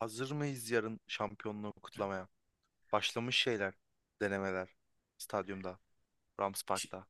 Hazır mıyız yarın şampiyonluğu kutlamaya? Başlamış şeyler, denemeler. Stadyumda, Rams Ş- Park'ta.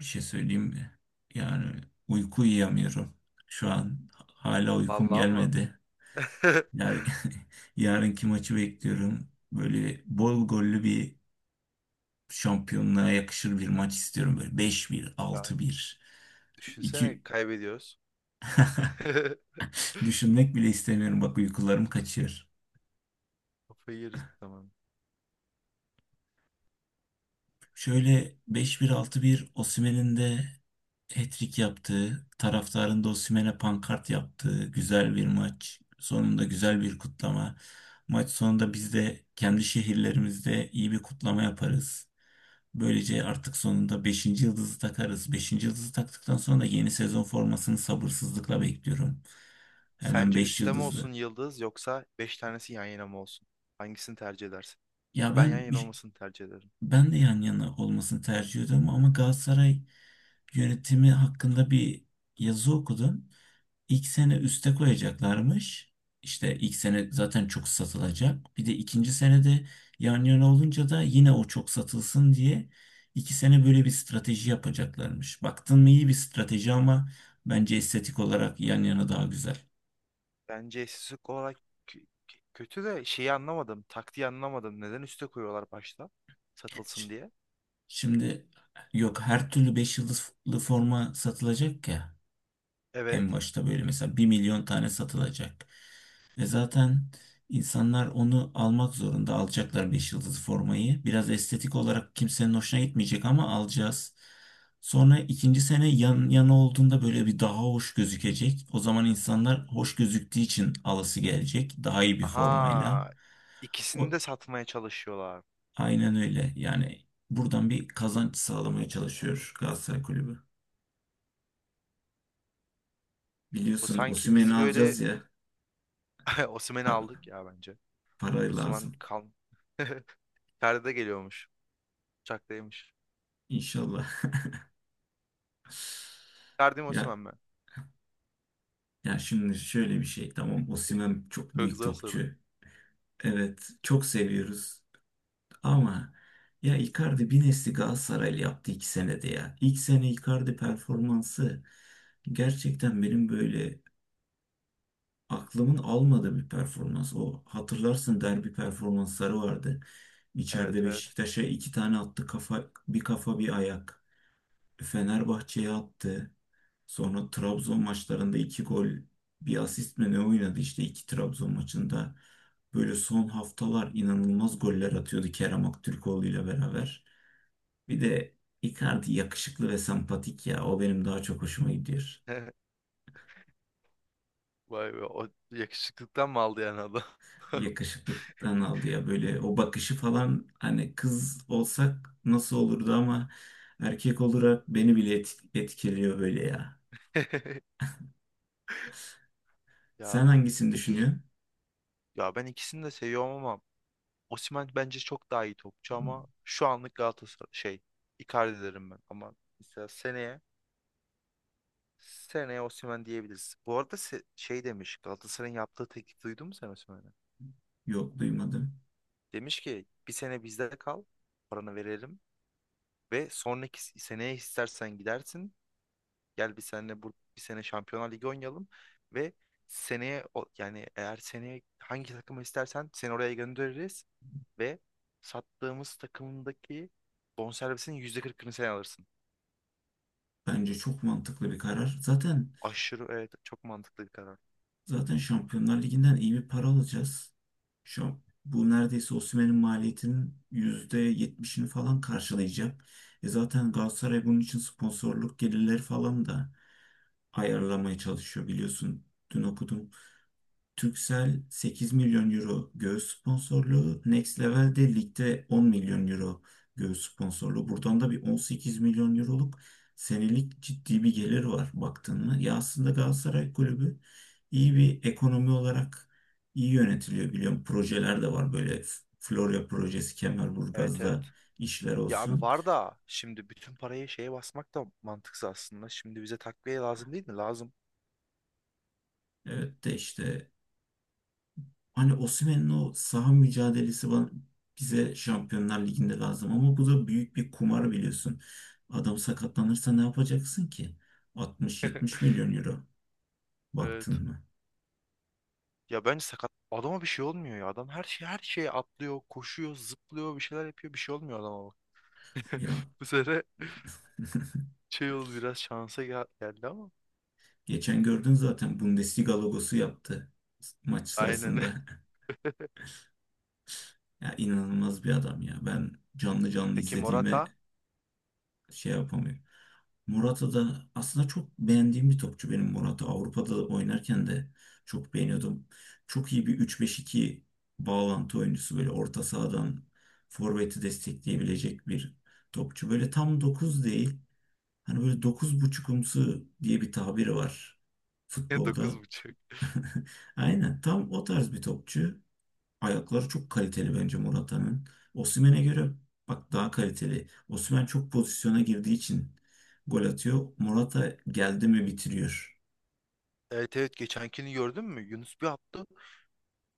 Bir şey söyleyeyim mi? Yani uyku uyuyamıyorum. Şu an hala uykum Vallahi mı? gelmedi. Yar yarınki maçı bekliyorum. Böyle bol gollü bir şampiyonluğa yakışır bir maç istiyorum. Böyle 5-1 Ya 6-1 Şu düşünsene iki kaybediyoruz. düşünmek bile istemiyorum. Bak uykularım kaçıyor. Kafayı yeriz bu zaman. Şöyle 5-1 6-1 Osimhen'in de hat-trick yaptığı, taraftarın da Osimhen'e pankart yaptığı güzel bir maç. Sonunda güzel bir kutlama. Maç sonunda biz de kendi şehirlerimizde iyi bir kutlama yaparız. Böylece artık sonunda beşinci yıldızı takarız. Beşinci yıldızı taktıktan sonra da yeni sezon formasını sabırsızlıkla bekliyorum. Hemen Sence 5 üstte mi olsun yıldızlı. yıldız yoksa 5 tanesi yan yana mı olsun? Hangisini tercih edersin? Ya Ben yan yana olmasını tercih ederim. ben de yan yana olmasını tercih ediyorum ama Galatasaray yönetimi hakkında bir yazı okudum. İlk sene üste koyacaklarmış. İşte ilk sene zaten çok satılacak. Bir de ikinci senede yan yana olunca da yine o çok satılsın diye iki sene böyle bir strateji yapacaklarmış. Baktın mı iyi bir strateji ama bence estetik olarak yan yana daha güzel. Bence eşsizlik olarak kötü de şeyi anlamadım. Taktiği anlamadım. Neden üste koyuyorlar başta? Ş- Satılsın diye. Şimdi yok, her türlü 5 yıldızlı forma satılacak ya. Evet. En başta böyle mesela 1 milyon tane satılacak. Ve zaten insanlar onu almak zorunda. Alacaklar 5 yıldızlı formayı. Biraz estetik olarak kimsenin hoşuna gitmeyecek ama alacağız. Sonra ikinci sene yan yana olduğunda böyle bir daha hoş gözükecek. O zaman insanlar hoş gözüktüğü için alası gelecek. Daha iyi bir formayla. Aha. İkisini O, de satmaya çalışıyorlar. aynen öyle. Yani buradan bir kazanç sağlamaya çalışıyor Galatasaray Kulübü. O Biliyorsun sanki Osimhen'i bizi böyle alacağız ya. Osimhen'i Pa- aldık ya bence. para Osimhen lazım. kal. Ferdi geliyormuş. Uçaktaymış. İnşallah. Ferdi mi Ya Osimhen mi? ya şimdi şöyle bir şey, tamam, Osimhen çok Çok büyük zor soru. topçu. Evet, çok seviyoruz ama ya Icardi bir nesli Galatasaraylı yaptı 2 senede ya. İlk sene Icardi performansı gerçekten benim böyle aklımın almadığı bir performans. O, hatırlarsın, derbi performansları vardı. İçeride Evet, evet. Beşiktaş'a iki tane attı, kafa bir, kafa bir ayak. Fenerbahçe'ye attı. Sonra Trabzon maçlarında 2 gol, bir asist mi ne oynadı işte 2 Trabzon maçında. Böyle son haftalar inanılmaz goller atıyordu Kerem Aktürkoğlu ile beraber. Bir de Icardi yakışıklı ve sempatik ya. O benim daha çok hoşuma gidiyor. Vay be, o yakışıklıktan mı aldı yani adam? Yakışıklıktan aldı ya, böyle o bakışı falan, hani kız olsak nasıl olurdu ama erkek olarak beni bile etkiliyor böyle ya. Ya Sen hangisini peki, düşünüyorsun? ya ben ikisini de seviyorum ama Osimhen bence çok daha iyi topçu ama şu anlık Galatasaray şey, Icardi derim ben ama mesela seneye seneye Osimhen diyebiliriz. Bu arada şey demiş, Galatasaray'ın yaptığı teklif duydun mu sen Osimhen'e? Yok, duymadım. Demiş ki bir sene bizde kal, paranı verelim ve sonraki seneye istersen gidersin. Gel bir sene, bu bir sene Şampiyonlar Ligi oynayalım ve seneye yani eğer seneye hangi takımı istersen seni oraya göndeririz ve sattığımız takımdaki bonservisin %40'ını sen alırsın. Bence çok mantıklı bir karar. Zaten Aşırı evet, çok mantıklı bir karar. Zaten Şampiyonlar Ligi'nden iyi bir para alacağız. Şu an bu neredeyse Osimhen'in maliyetinin %70'ini falan karşılayacak. E zaten Galatasaray bunun için sponsorluk gelirleri falan da ayarlamaya çalışıyor biliyorsun. Dün okudum, Turkcell 8 milyon euro göğüs sponsorluğu. Next Level de ligde 10 milyon euro göğüs sponsorluğu. Buradan da bir 18 milyon euroluk senelik ciddi bir gelir var baktın mı? Ya aslında Galatasaray Kulübü iyi bir ekonomi olarak iyi yönetiliyor, biliyorum. Projeler de var böyle, Florya projesi, Evet, evet. Kemerburgaz'da işler Ya abi, olsun. var da şimdi bütün parayı şeye basmak da mantıksız aslında. Şimdi bize takviye lazım değil mi? Lazım. Evet de işte, hani Osimhen'in o saha mücadelesi bize Şampiyonlar Ligi'nde lazım ama bu da büyük bir kumar biliyorsun. Adam sakatlanırsa ne yapacaksın ki? 60-70 milyon euro Evet. baktın mı? Ya bence sakat adama bir şey olmuyor ya. Adam her şey, her şeye atlıyor, koşuyor, zıplıyor, bir şeyler yapıyor. Bir şey olmuyor adama bak. Ya Bu sefer şey oldu, biraz şansa geldi ama. geçen gördün zaten, Bundesliga logosu yaptı maç Aynen. sırasında. Ya inanılmaz bir adam ya. Ben canlı canlı Peki izlediğime Morata. şey yapamıyorum. Morata da aslında çok beğendiğim bir topçu, benim Morata. Avrupa'da da oynarken de çok beğeniyordum. Çok iyi bir 3-5-2 bağlantı oyuncusu, böyle orta sahadan forveti destekleyebilecek bir topçu. Böyle tam 9 değil. Hani böyle dokuz buçukumsu diye bir tabiri var Dokuz futbolda. buçuk. Aynen tam o tarz bir topçu. Ayakları çok kaliteli bence Morata'nın. Osimhen'e göre bak, daha kaliteli. Osimhen çok pozisyona girdiği için gol atıyor. Morata geldi mi bitiriyor. Evet, evet, geçenkini gördün mü? Yunus bir attı.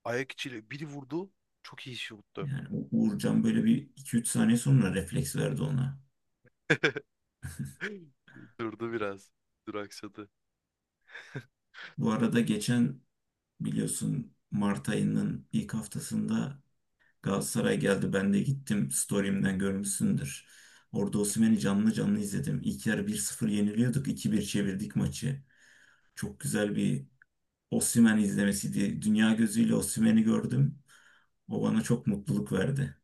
Ayak içiyle biri vurdu. Çok iyi şuttu. Yani Uğurcan böyle bir iki üç saniye sonra refleks verdi ona. Durdu biraz. Duraksadı. Bu arada geçen, biliyorsun, Mart ayının ilk haftasında Galatasaray geldi. Ben de gittim. Story'imden görmüşsündür. Orada Osimhen'i canlı canlı izledim. İlk yarı 1-0 yeniliyorduk. 2 bir çevirdik maçı. Çok güzel bir Osimhen izlemesiydi. Dünya gözüyle Osimhen'i gördüm. O bana çok mutluluk verdi.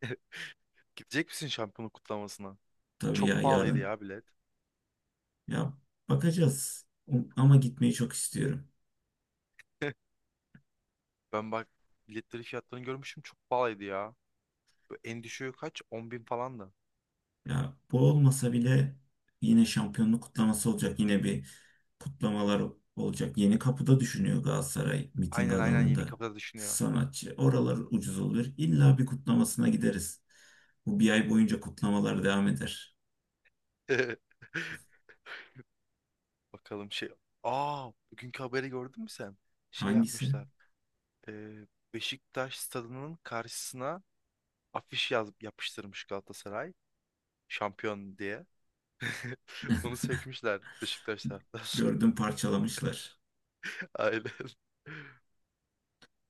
Gidecek misin şampiyonluk kutlamasına? Tabii Çok ya, pahalıydı yarın ya bilet. ya bakacağız. Ama gitmeyi çok istiyorum. Ben bak, biletleri, fiyatlarını görmüşüm, çok pahalıydı ya. En düşüğü kaç? 10 bin falan da. Ya bu olmasa bile yine şampiyonluk kutlaması olacak. Yine bir kutlamalar olacak. Yeni kapıda düşünüyor Galatasaray, miting Aynen, aynen, yeni alanında kapıda düşünüyor. sanatçı. Oralar ucuz olur. İlla bir kutlamasına gideriz. Bu bir ay boyunca kutlamalar devam eder. Bakalım şey. Aa, bugünkü haberi gördün mü sen? Şey Hangisi? yapmışlar. Ee, Beşiktaş stadının karşısına afiş yaz yapıştırmış Galatasaray. Şampiyon diye. Onu sökmüşler Beşiktaş taraftarları. Gördüm, parçalamışlar. Aynen.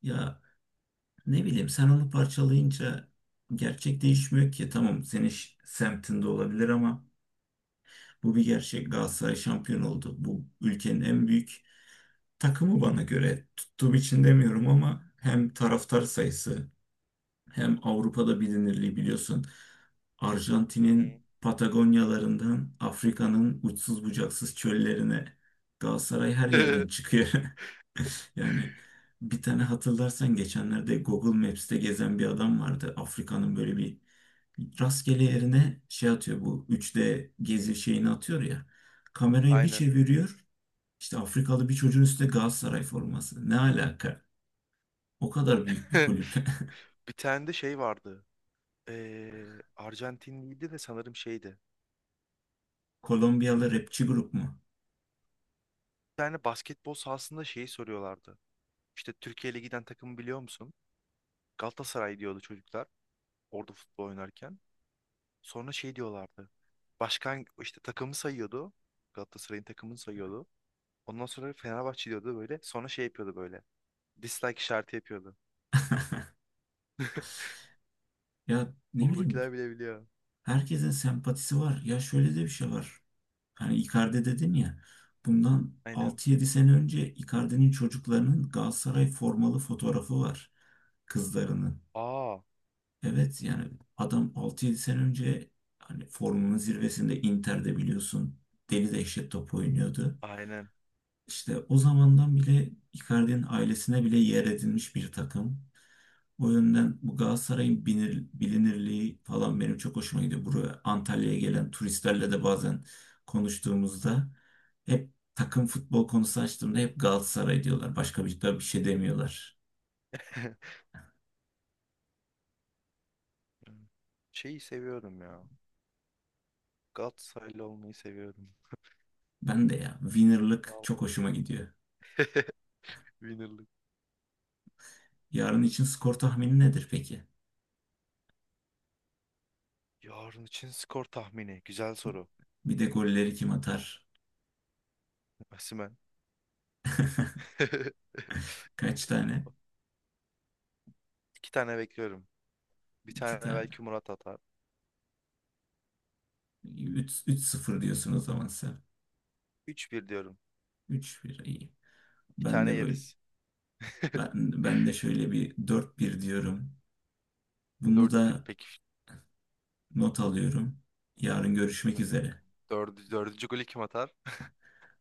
Ya, ne bileyim, sen onu parçalayınca gerçek değişmiyor ki. Tamam, senin semtinde olabilir ama bu bir gerçek. Galatasaray şampiyon oldu. Bu ülkenin en büyük takımı bana göre. Tuttuğum için demiyorum ama hem taraftar sayısı hem Avrupa'da bilinirliği, biliyorsun. Arjantin'in Hı Patagonyalarından Afrika'nın uçsuz bucaksız çöllerine, Galatasaray her yerden hı. çıkıyor. Yani bir tane, hatırlarsan, geçenlerde Google Maps'te gezen bir adam vardı. Afrika'nın böyle bir rastgele yerine şey atıyor, bu 3D gezi şeyini atıyor ya. Kamerayı bir Aynen. çeviriyor. İşte Afrikalı bir çocuğun üstünde Galatasaray forması. Ne alaka? O kadar büyük bir kulüp. Bir tane de şey vardı. Arjantinliydi de sanırım şeydi. Kolombiyalı Ee, rapçi grup mu? bir tane basketbol sahasında şeyi soruyorlardı. İşte Türkiye giden takımı biliyor musun? Galatasaray diyordu çocuklar orada futbol oynarken. Sonra şey diyorlardı. Başkan işte takımı sayıyordu. Galatasaray'ın takımını sayıyordu. Ondan sonra Fenerbahçe diyordu böyle. Sonra şey yapıyordu böyle. Dislike işareti yapıyordu. Ya ne bileyim, Buradakiler bile biliyor. herkesin sempatisi var. Ya şöyle de bir şey var. Hani Icardi dedin ya. Bundan Aynen. 6-7 sene önce Icardi'nin çocuklarının Galatasaray formalı fotoğrafı var. Kızlarının. Aa, Evet yani adam 6-7 sene önce, hani formunun zirvesinde Inter'de biliyorsun, deli dehşet top oynuyordu. aynen. İşte o zamandan bile Icardi'nin ailesine bile yer edinmiş bir takım. O yönden bu Galatasaray'ın bilinirliği falan benim çok hoşuma gidiyor. Buraya Antalya'ya gelen turistlerle de bazen konuştuğumuzda, hep takım futbol konusu açtığımda hep Galatasaray diyorlar. Başka bir, da bir şey demiyorlar. Şeyi seviyorum ya. Galatasaraylı olmayı seviyorum. Ben de ya, winner'lık çok Vallahi. hoşuma gidiyor. Winner'lık. Yarın için skor tahmini nedir peki? Yarın için skor tahmini. Güzel soru. Bir de golleri kim atar? Osimhen. Kaç tane? İki tane bekliyorum. Bir İki tane tane. belki Murat atar. 3-0 diyorsun o zaman sen. 3-1 diyorum. 3-1 iyi. Bir Ben tane de böyle yeriz. ben, ben de şöyle bir 4-1 diyorum. Bunu 4-1 da peki. not alıyorum. Yarın görüşmek Hadi üzere. bakalım. Dördü, dördüncü golü kim atar?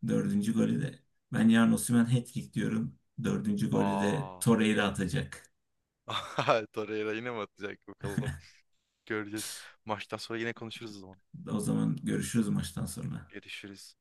Dördüncü golü de. Ben yarın Osimhen hat-trick diyorum. Dördüncü golü de Aa. Torreira atacak. Torreira yine mi atacak bakalım. Göreceğiz. Maçtan sonra yine konuşuruz o zaman. O zaman görüşürüz maçtan sonra. Görüşürüz.